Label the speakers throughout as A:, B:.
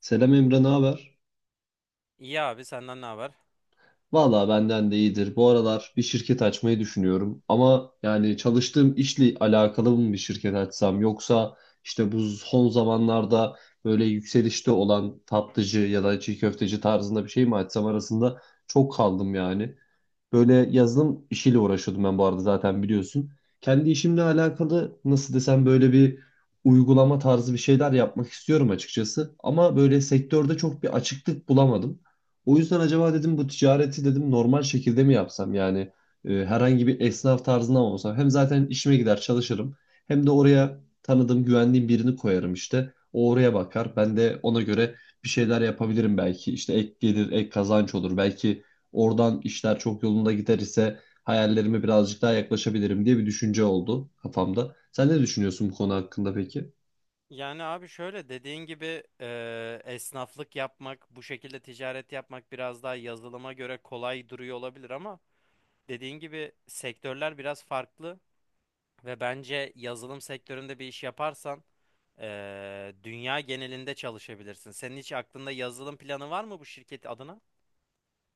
A: Selam Emre, ne haber?
B: İyi abi senden ne haber?
A: Valla benden de iyidir. Bu aralar bir şirket açmayı düşünüyorum. Ama yani çalıştığım işle alakalı mı bir şirket açsam, yoksa işte bu son zamanlarda böyle yükselişte olan tatlıcı ya da çiğ köfteci tarzında bir şey mi açsam arasında çok kaldım yani. Böyle yazılım işiyle uğraşıyordum ben, bu arada zaten biliyorsun. Kendi işimle alakalı nasıl desem, böyle bir uygulama tarzı bir şeyler yapmak istiyorum açıkçası. Ama böyle sektörde çok bir açıklık bulamadım. O yüzden acaba dedim, bu ticareti dedim normal şekilde mi yapsam, yani herhangi bir esnaf tarzında mı olsam. Hem zaten işime gider çalışırım, hem de oraya tanıdığım, güvendiğim birini koyarım işte. O oraya bakar, ben de ona göre bir şeyler yapabilirim belki. İşte ek gelir, ek kazanç olur belki. Oradan işler çok yolunda gider ise hayallerime birazcık daha yaklaşabilirim diye bir düşünce oldu kafamda. Sen ne düşünüyorsun bu konu hakkında peki?
B: Yani abi şöyle dediğin gibi esnaflık yapmak, bu şekilde ticaret yapmak biraz daha yazılıma göre kolay duruyor olabilir ama dediğin gibi sektörler biraz farklı ve bence yazılım sektöründe bir iş yaparsan dünya genelinde çalışabilirsin. Senin hiç aklında yazılım planı var mı bu şirket adına?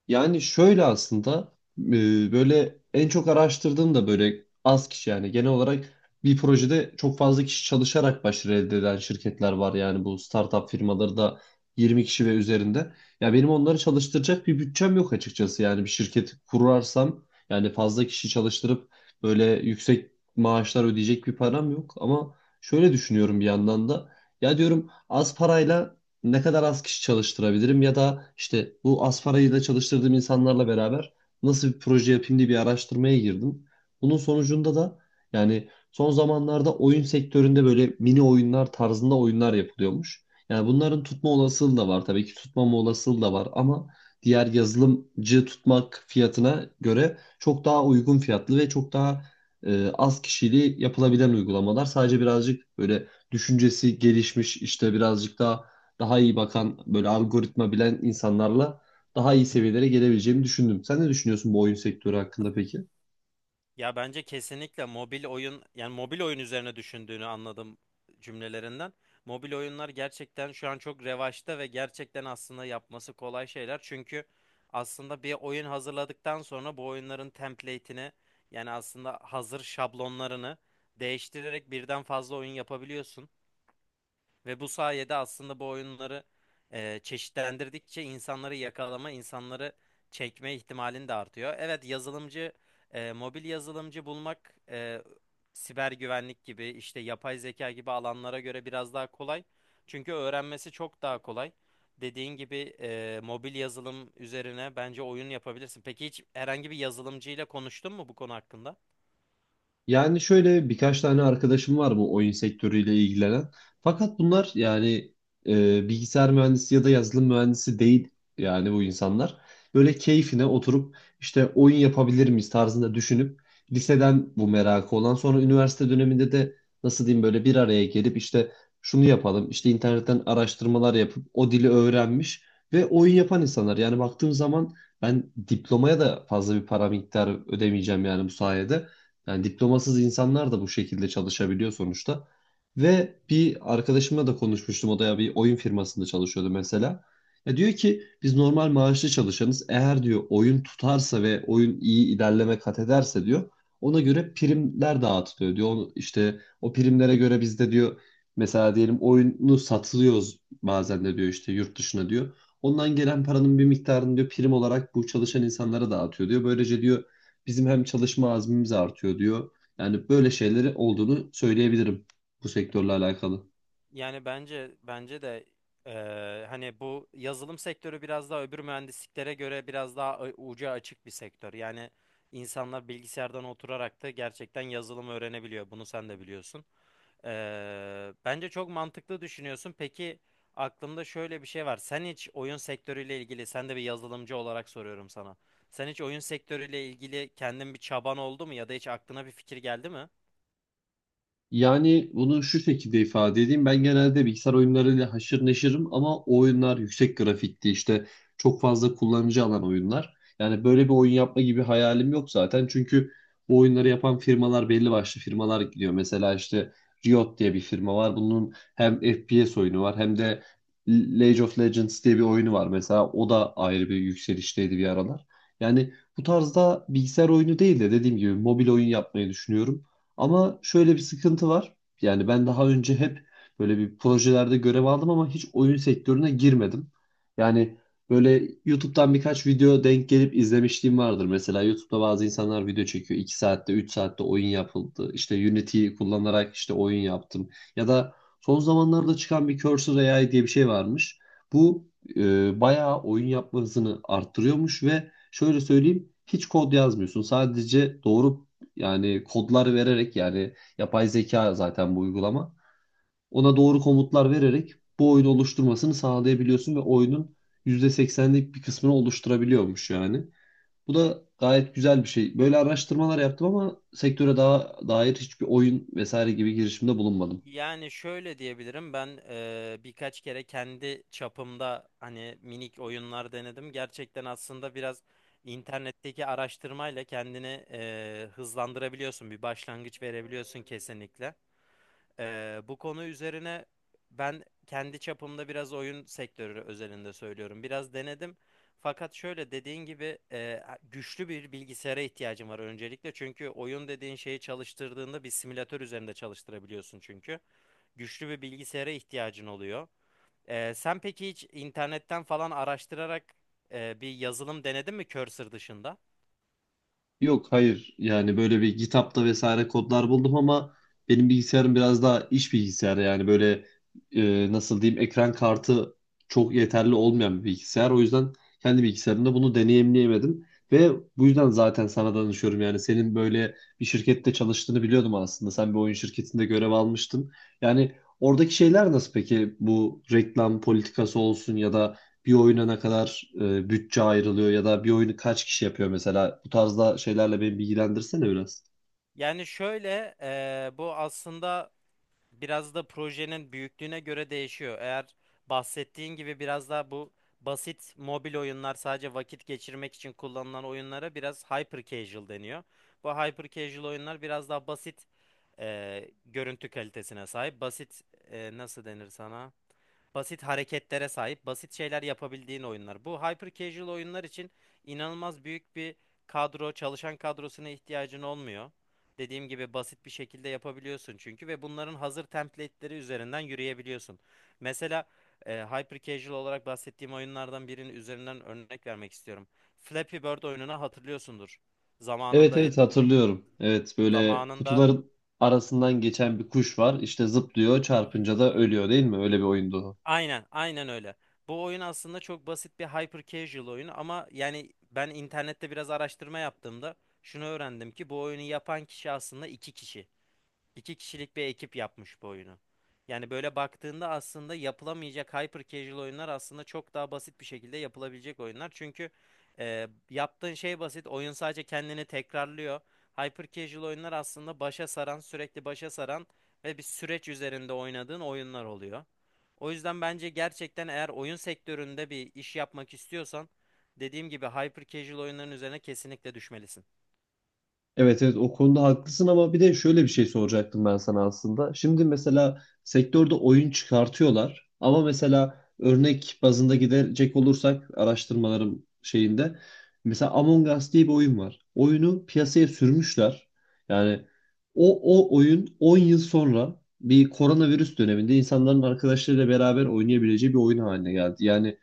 A: Yani şöyle aslında, böyle en çok araştırdığım da böyle az kişi, yani genel olarak bir projede çok fazla kişi çalışarak başarı elde eden şirketler var yani, bu startup firmaları da 20 kişi ve üzerinde. Ya benim onları çalıştıracak bir bütçem yok açıkçası, yani bir şirket kurarsam, yani fazla kişi çalıştırıp böyle yüksek maaşlar ödeyecek bir param yok. Ama şöyle düşünüyorum bir yandan da, ya diyorum az parayla ne kadar az kişi çalıştırabilirim, ya da işte bu az parayla çalıştırdığım insanlarla beraber nasıl bir proje yapayım diye bir araştırmaya girdim. Bunun sonucunda da yani son zamanlarda oyun sektöründe böyle mini oyunlar tarzında oyunlar yapılıyormuş. Yani bunların tutma olasılığı da var tabii ki, tutmama olasılığı da var ama diğer yazılımcı tutmak fiyatına göre çok daha uygun fiyatlı ve çok daha az kişiyle yapılabilen uygulamalar. Sadece birazcık böyle düşüncesi gelişmiş işte, birazcık daha iyi bakan, böyle algoritma bilen insanlarla daha iyi seviyelere gelebileceğimi düşündüm. Sen ne düşünüyorsun bu oyun sektörü hakkında peki?
B: Ya bence kesinlikle mobil oyun, yani mobil oyun üzerine düşündüğünü anladım cümlelerinden. Mobil oyunlar gerçekten şu an çok revaçta ve gerçekten aslında yapması kolay şeyler. Çünkü aslında bir oyun hazırladıktan sonra bu oyunların template'ini, yani aslında hazır şablonlarını değiştirerek birden fazla oyun yapabiliyorsun. Ve bu sayede aslında bu oyunları çeşitlendirdikçe insanları yakalama, insanları çekme ihtimalin de artıyor. Evet, yazılımcı, mobil yazılımcı bulmak siber güvenlik gibi, işte yapay zeka gibi alanlara göre biraz daha kolay. Çünkü öğrenmesi çok daha kolay. Dediğin gibi mobil yazılım üzerine bence oyun yapabilirsin. Peki hiç herhangi bir yazılımcıyla konuştun mu bu konu hakkında?
A: Yani şöyle, birkaç tane arkadaşım var bu oyun sektörüyle ilgilenen. Fakat bunlar yani bilgisayar mühendisi ya da yazılım mühendisi değil yani, bu insanlar. Böyle keyfine oturup işte oyun yapabilir miyiz tarzında düşünüp liseden bu merakı olan, sonra üniversite döneminde de nasıl diyeyim, böyle bir araya gelip işte şunu yapalım işte, internetten araştırmalar yapıp o dili öğrenmiş ve oyun yapan insanlar. Yani baktığım zaman ben diplomaya da fazla bir para miktarı ödemeyeceğim yani, bu sayede. Yani diplomasız insanlar da bu şekilde çalışabiliyor sonuçta. Ve bir arkadaşımla da konuşmuştum. O da ya bir oyun firmasında çalışıyordu mesela. Ya diyor ki biz normal maaşlı çalışanız. Eğer diyor oyun tutarsa ve oyun iyi ilerleme kat ederse diyor, ona göre primler dağıtılıyor diyor. Onu, işte o primlere göre biz de diyor, mesela diyelim oyunu satılıyoruz bazen de diyor, işte yurt dışına diyor. Ondan gelen paranın bir miktarını diyor prim olarak bu çalışan insanlara dağıtıyor diyor. Böylece diyor, bizim hem çalışma azmimiz artıyor diyor. Yani böyle şeyleri olduğunu söyleyebilirim bu sektörle alakalı.
B: Yani bence de hani bu yazılım sektörü biraz daha öbür mühendisliklere göre biraz daha ucu açık bir sektör. Yani insanlar bilgisayardan oturarak da gerçekten yazılım öğrenebiliyor. Bunu sen de biliyorsun. Bence çok mantıklı düşünüyorsun. Peki aklımda şöyle bir şey var. Sen hiç oyun sektörüyle ilgili, sen de bir yazılımcı olarak soruyorum sana. Sen hiç oyun sektörüyle ilgili kendin bir çaban oldu mu ya da hiç aklına bir fikir geldi mi?
A: Yani bunu şu şekilde ifade edeyim. Ben genelde bilgisayar oyunlarıyla haşır neşirim ama o oyunlar yüksek grafikti işte, çok fazla kullanıcı alan oyunlar. Yani böyle bir oyun yapma gibi hayalim yok zaten. Çünkü bu oyunları yapan firmalar belli başlı firmalar gidiyor. Mesela işte Riot diye bir firma var. Bunun hem FPS oyunu var, hem de League of Legends diye bir oyunu var mesela. O da ayrı bir yükselişteydi bir aralar. Yani bu tarzda bilgisayar oyunu değil de dediğim gibi mobil oyun yapmayı düşünüyorum. Ama şöyle bir sıkıntı var. Yani ben daha önce hep böyle bir projelerde görev aldım ama hiç oyun sektörüne girmedim. Yani böyle YouTube'dan birkaç video denk gelip izlemişliğim vardır. Mesela YouTube'da bazı insanlar video çekiyor. 2 saatte, 3 saatte oyun yapıldı. İşte Unity'yi kullanarak işte oyun yaptım. Ya da son zamanlarda çıkan bir Cursor AI diye bir şey varmış. Bu bayağı oyun yapma hızını arttırıyormuş ve şöyle söyleyeyim, hiç kod yazmıyorsun. Sadece doğru yani kodlar vererek, yani yapay zeka zaten bu uygulama. Ona doğru komutlar vererek bu oyunu oluşturmasını sağlayabiliyorsun ve oyunun %80'lik bir kısmını oluşturabiliyormuş yani. Bu da gayet güzel bir şey. Böyle araştırmalar yaptım ama sektöre daha dair hiçbir oyun vesaire gibi girişimde bulunmadım.
B: Yani şöyle diyebilirim ben birkaç kere kendi çapımda hani minik oyunlar denedim. Gerçekten aslında biraz internetteki araştırmayla kendini hızlandırabiliyorsun. Bir başlangıç verebiliyorsun kesinlikle. Bu konu üzerine ben kendi çapımda biraz oyun sektörü özelinde söylüyorum. Biraz denedim. Fakat şöyle dediğin gibi güçlü bir bilgisayara ihtiyacım var öncelikle. Çünkü oyun dediğin şeyi çalıştırdığında bir simülatör üzerinde çalıştırabiliyorsun, çünkü güçlü bir bilgisayara ihtiyacın oluyor. Sen peki hiç internetten falan araştırarak bir yazılım denedin mi Cursor dışında?
A: Yok, hayır, yani böyle bir GitHub'da vesaire kodlar buldum ama benim bilgisayarım biraz daha iş bilgisayarı yani, böyle nasıl diyeyim, ekran kartı çok yeterli olmayan bir bilgisayar. O yüzden kendi bilgisayarımda bunu deneyimleyemedim ve bu yüzden zaten sana danışıyorum yani, senin böyle bir şirkette çalıştığını biliyordum aslında. Sen bir oyun şirketinde görev almıştın. Yani oradaki şeyler nasıl peki, bu reklam politikası olsun ya da bir oyuna ne kadar bütçe ayrılıyor ya da bir oyunu kaç kişi yapıyor mesela. Bu tarzda şeylerle beni bilgilendirsene biraz.
B: Yani şöyle bu aslında biraz da projenin büyüklüğüne göre değişiyor. Eğer bahsettiğin gibi biraz daha bu basit mobil oyunlar, sadece vakit geçirmek için kullanılan oyunlara biraz hyper casual deniyor. Bu hyper casual oyunlar biraz daha basit görüntü kalitesine sahip. Basit nasıl denir sana? Basit hareketlere sahip, basit şeyler yapabildiğin oyunlar. Bu hyper casual oyunlar için inanılmaz büyük bir kadro, çalışan kadrosuna ihtiyacın olmuyor. Dediğim gibi basit bir şekilde yapabiliyorsun çünkü, ve bunların hazır template'leri üzerinden yürüyebiliyorsun. Mesela hyper casual olarak bahsettiğim oyunlardan birinin üzerinden örnek vermek istiyorum. Flappy Bird oyununu hatırlıyorsundur.
A: Evet
B: Zamanında
A: evet, hatırlıyorum. Evet, böyle
B: zamanında
A: kutuların arasından geçen bir kuş var. İşte zıplıyor, çarpınca da ölüyor değil mi? Öyle bir oyundu.
B: aynen, aynen öyle. Bu oyun aslında çok basit bir hyper casual oyunu, ama yani ben internette biraz araştırma yaptığımda şunu öğrendim ki bu oyunu yapan kişi aslında iki kişi. İki kişilik bir ekip yapmış bu oyunu. Yani böyle baktığında aslında yapılamayacak hyper casual oyunlar aslında çok daha basit bir şekilde yapılabilecek oyunlar. Çünkü yaptığın şey basit. Oyun sadece kendini tekrarlıyor. Hyper casual oyunlar aslında başa saran, sürekli başa saran ve bir süreç üzerinde oynadığın oyunlar oluyor. O yüzden bence gerçekten eğer oyun sektöründe bir iş yapmak istiyorsan dediğim gibi hyper casual oyunların üzerine kesinlikle düşmelisin.
A: Evet evet, o konuda haklısın ama bir de şöyle bir şey soracaktım ben sana aslında. Şimdi mesela sektörde oyun çıkartıyorlar ama mesela örnek bazında gidecek olursak araştırmalarım şeyinde mesela Among Us diye bir oyun var. Oyunu piyasaya sürmüşler. Yani o, o oyun 10 yıl sonra bir koronavirüs döneminde insanların arkadaşlarıyla beraber oynayabileceği bir oyun haline geldi. Yani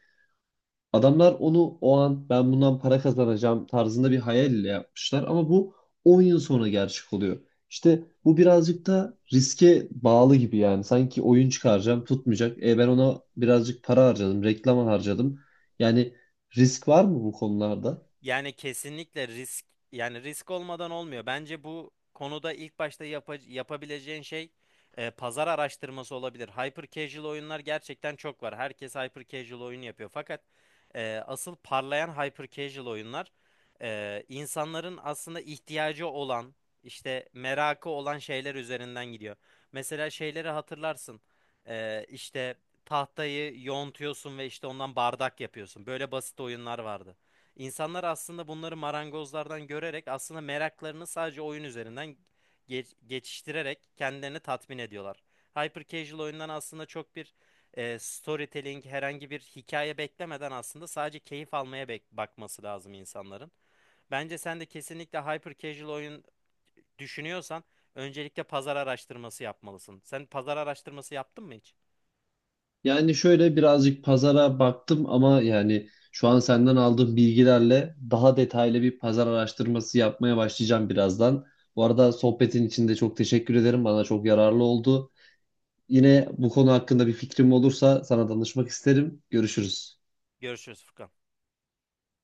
A: adamlar onu o an ben bundan para kazanacağım tarzında bir hayal ile yapmışlar ama bu 10 yıl sonra gerçek oluyor. İşte bu birazcık da riske bağlı gibi yani. Sanki oyun çıkaracağım tutmayacak. Ben ona birazcık para harcadım, reklama harcadım. Yani risk var mı bu konularda?
B: Yani kesinlikle risk, yani risk olmadan olmuyor. Bence bu konuda ilk başta yapabileceğin şey pazar araştırması olabilir. Hyper casual oyunlar gerçekten çok var. Herkes hyper casual oyun yapıyor. Fakat asıl parlayan hyper casual oyunlar insanların aslında ihtiyacı olan, işte merakı olan şeyler üzerinden gidiyor. Mesela şeyleri hatırlarsın. İşte tahtayı yontuyorsun ve işte ondan bardak yapıyorsun. Böyle basit oyunlar vardı. İnsanlar aslında bunları marangozlardan görerek aslında meraklarını sadece oyun üzerinden geçiştirerek kendilerini tatmin ediyorlar. Hyper casual oyundan aslında çok bir storytelling, herhangi bir hikaye beklemeden aslında sadece keyif almaya bakması lazım insanların. Bence sen de kesinlikle hyper casual oyun düşünüyorsan öncelikle pazar araştırması yapmalısın. Sen pazar araştırması yaptın mı hiç?
A: Yani şöyle birazcık pazara baktım ama yani şu an senden aldığım bilgilerle daha detaylı bir pazar araştırması yapmaya başlayacağım birazdan. Bu arada sohbetin için de çok teşekkür ederim. Bana çok yararlı oldu. Yine bu konu hakkında bir fikrim olursa sana danışmak isterim. Görüşürüz.
B: Görüşürüz Furkan.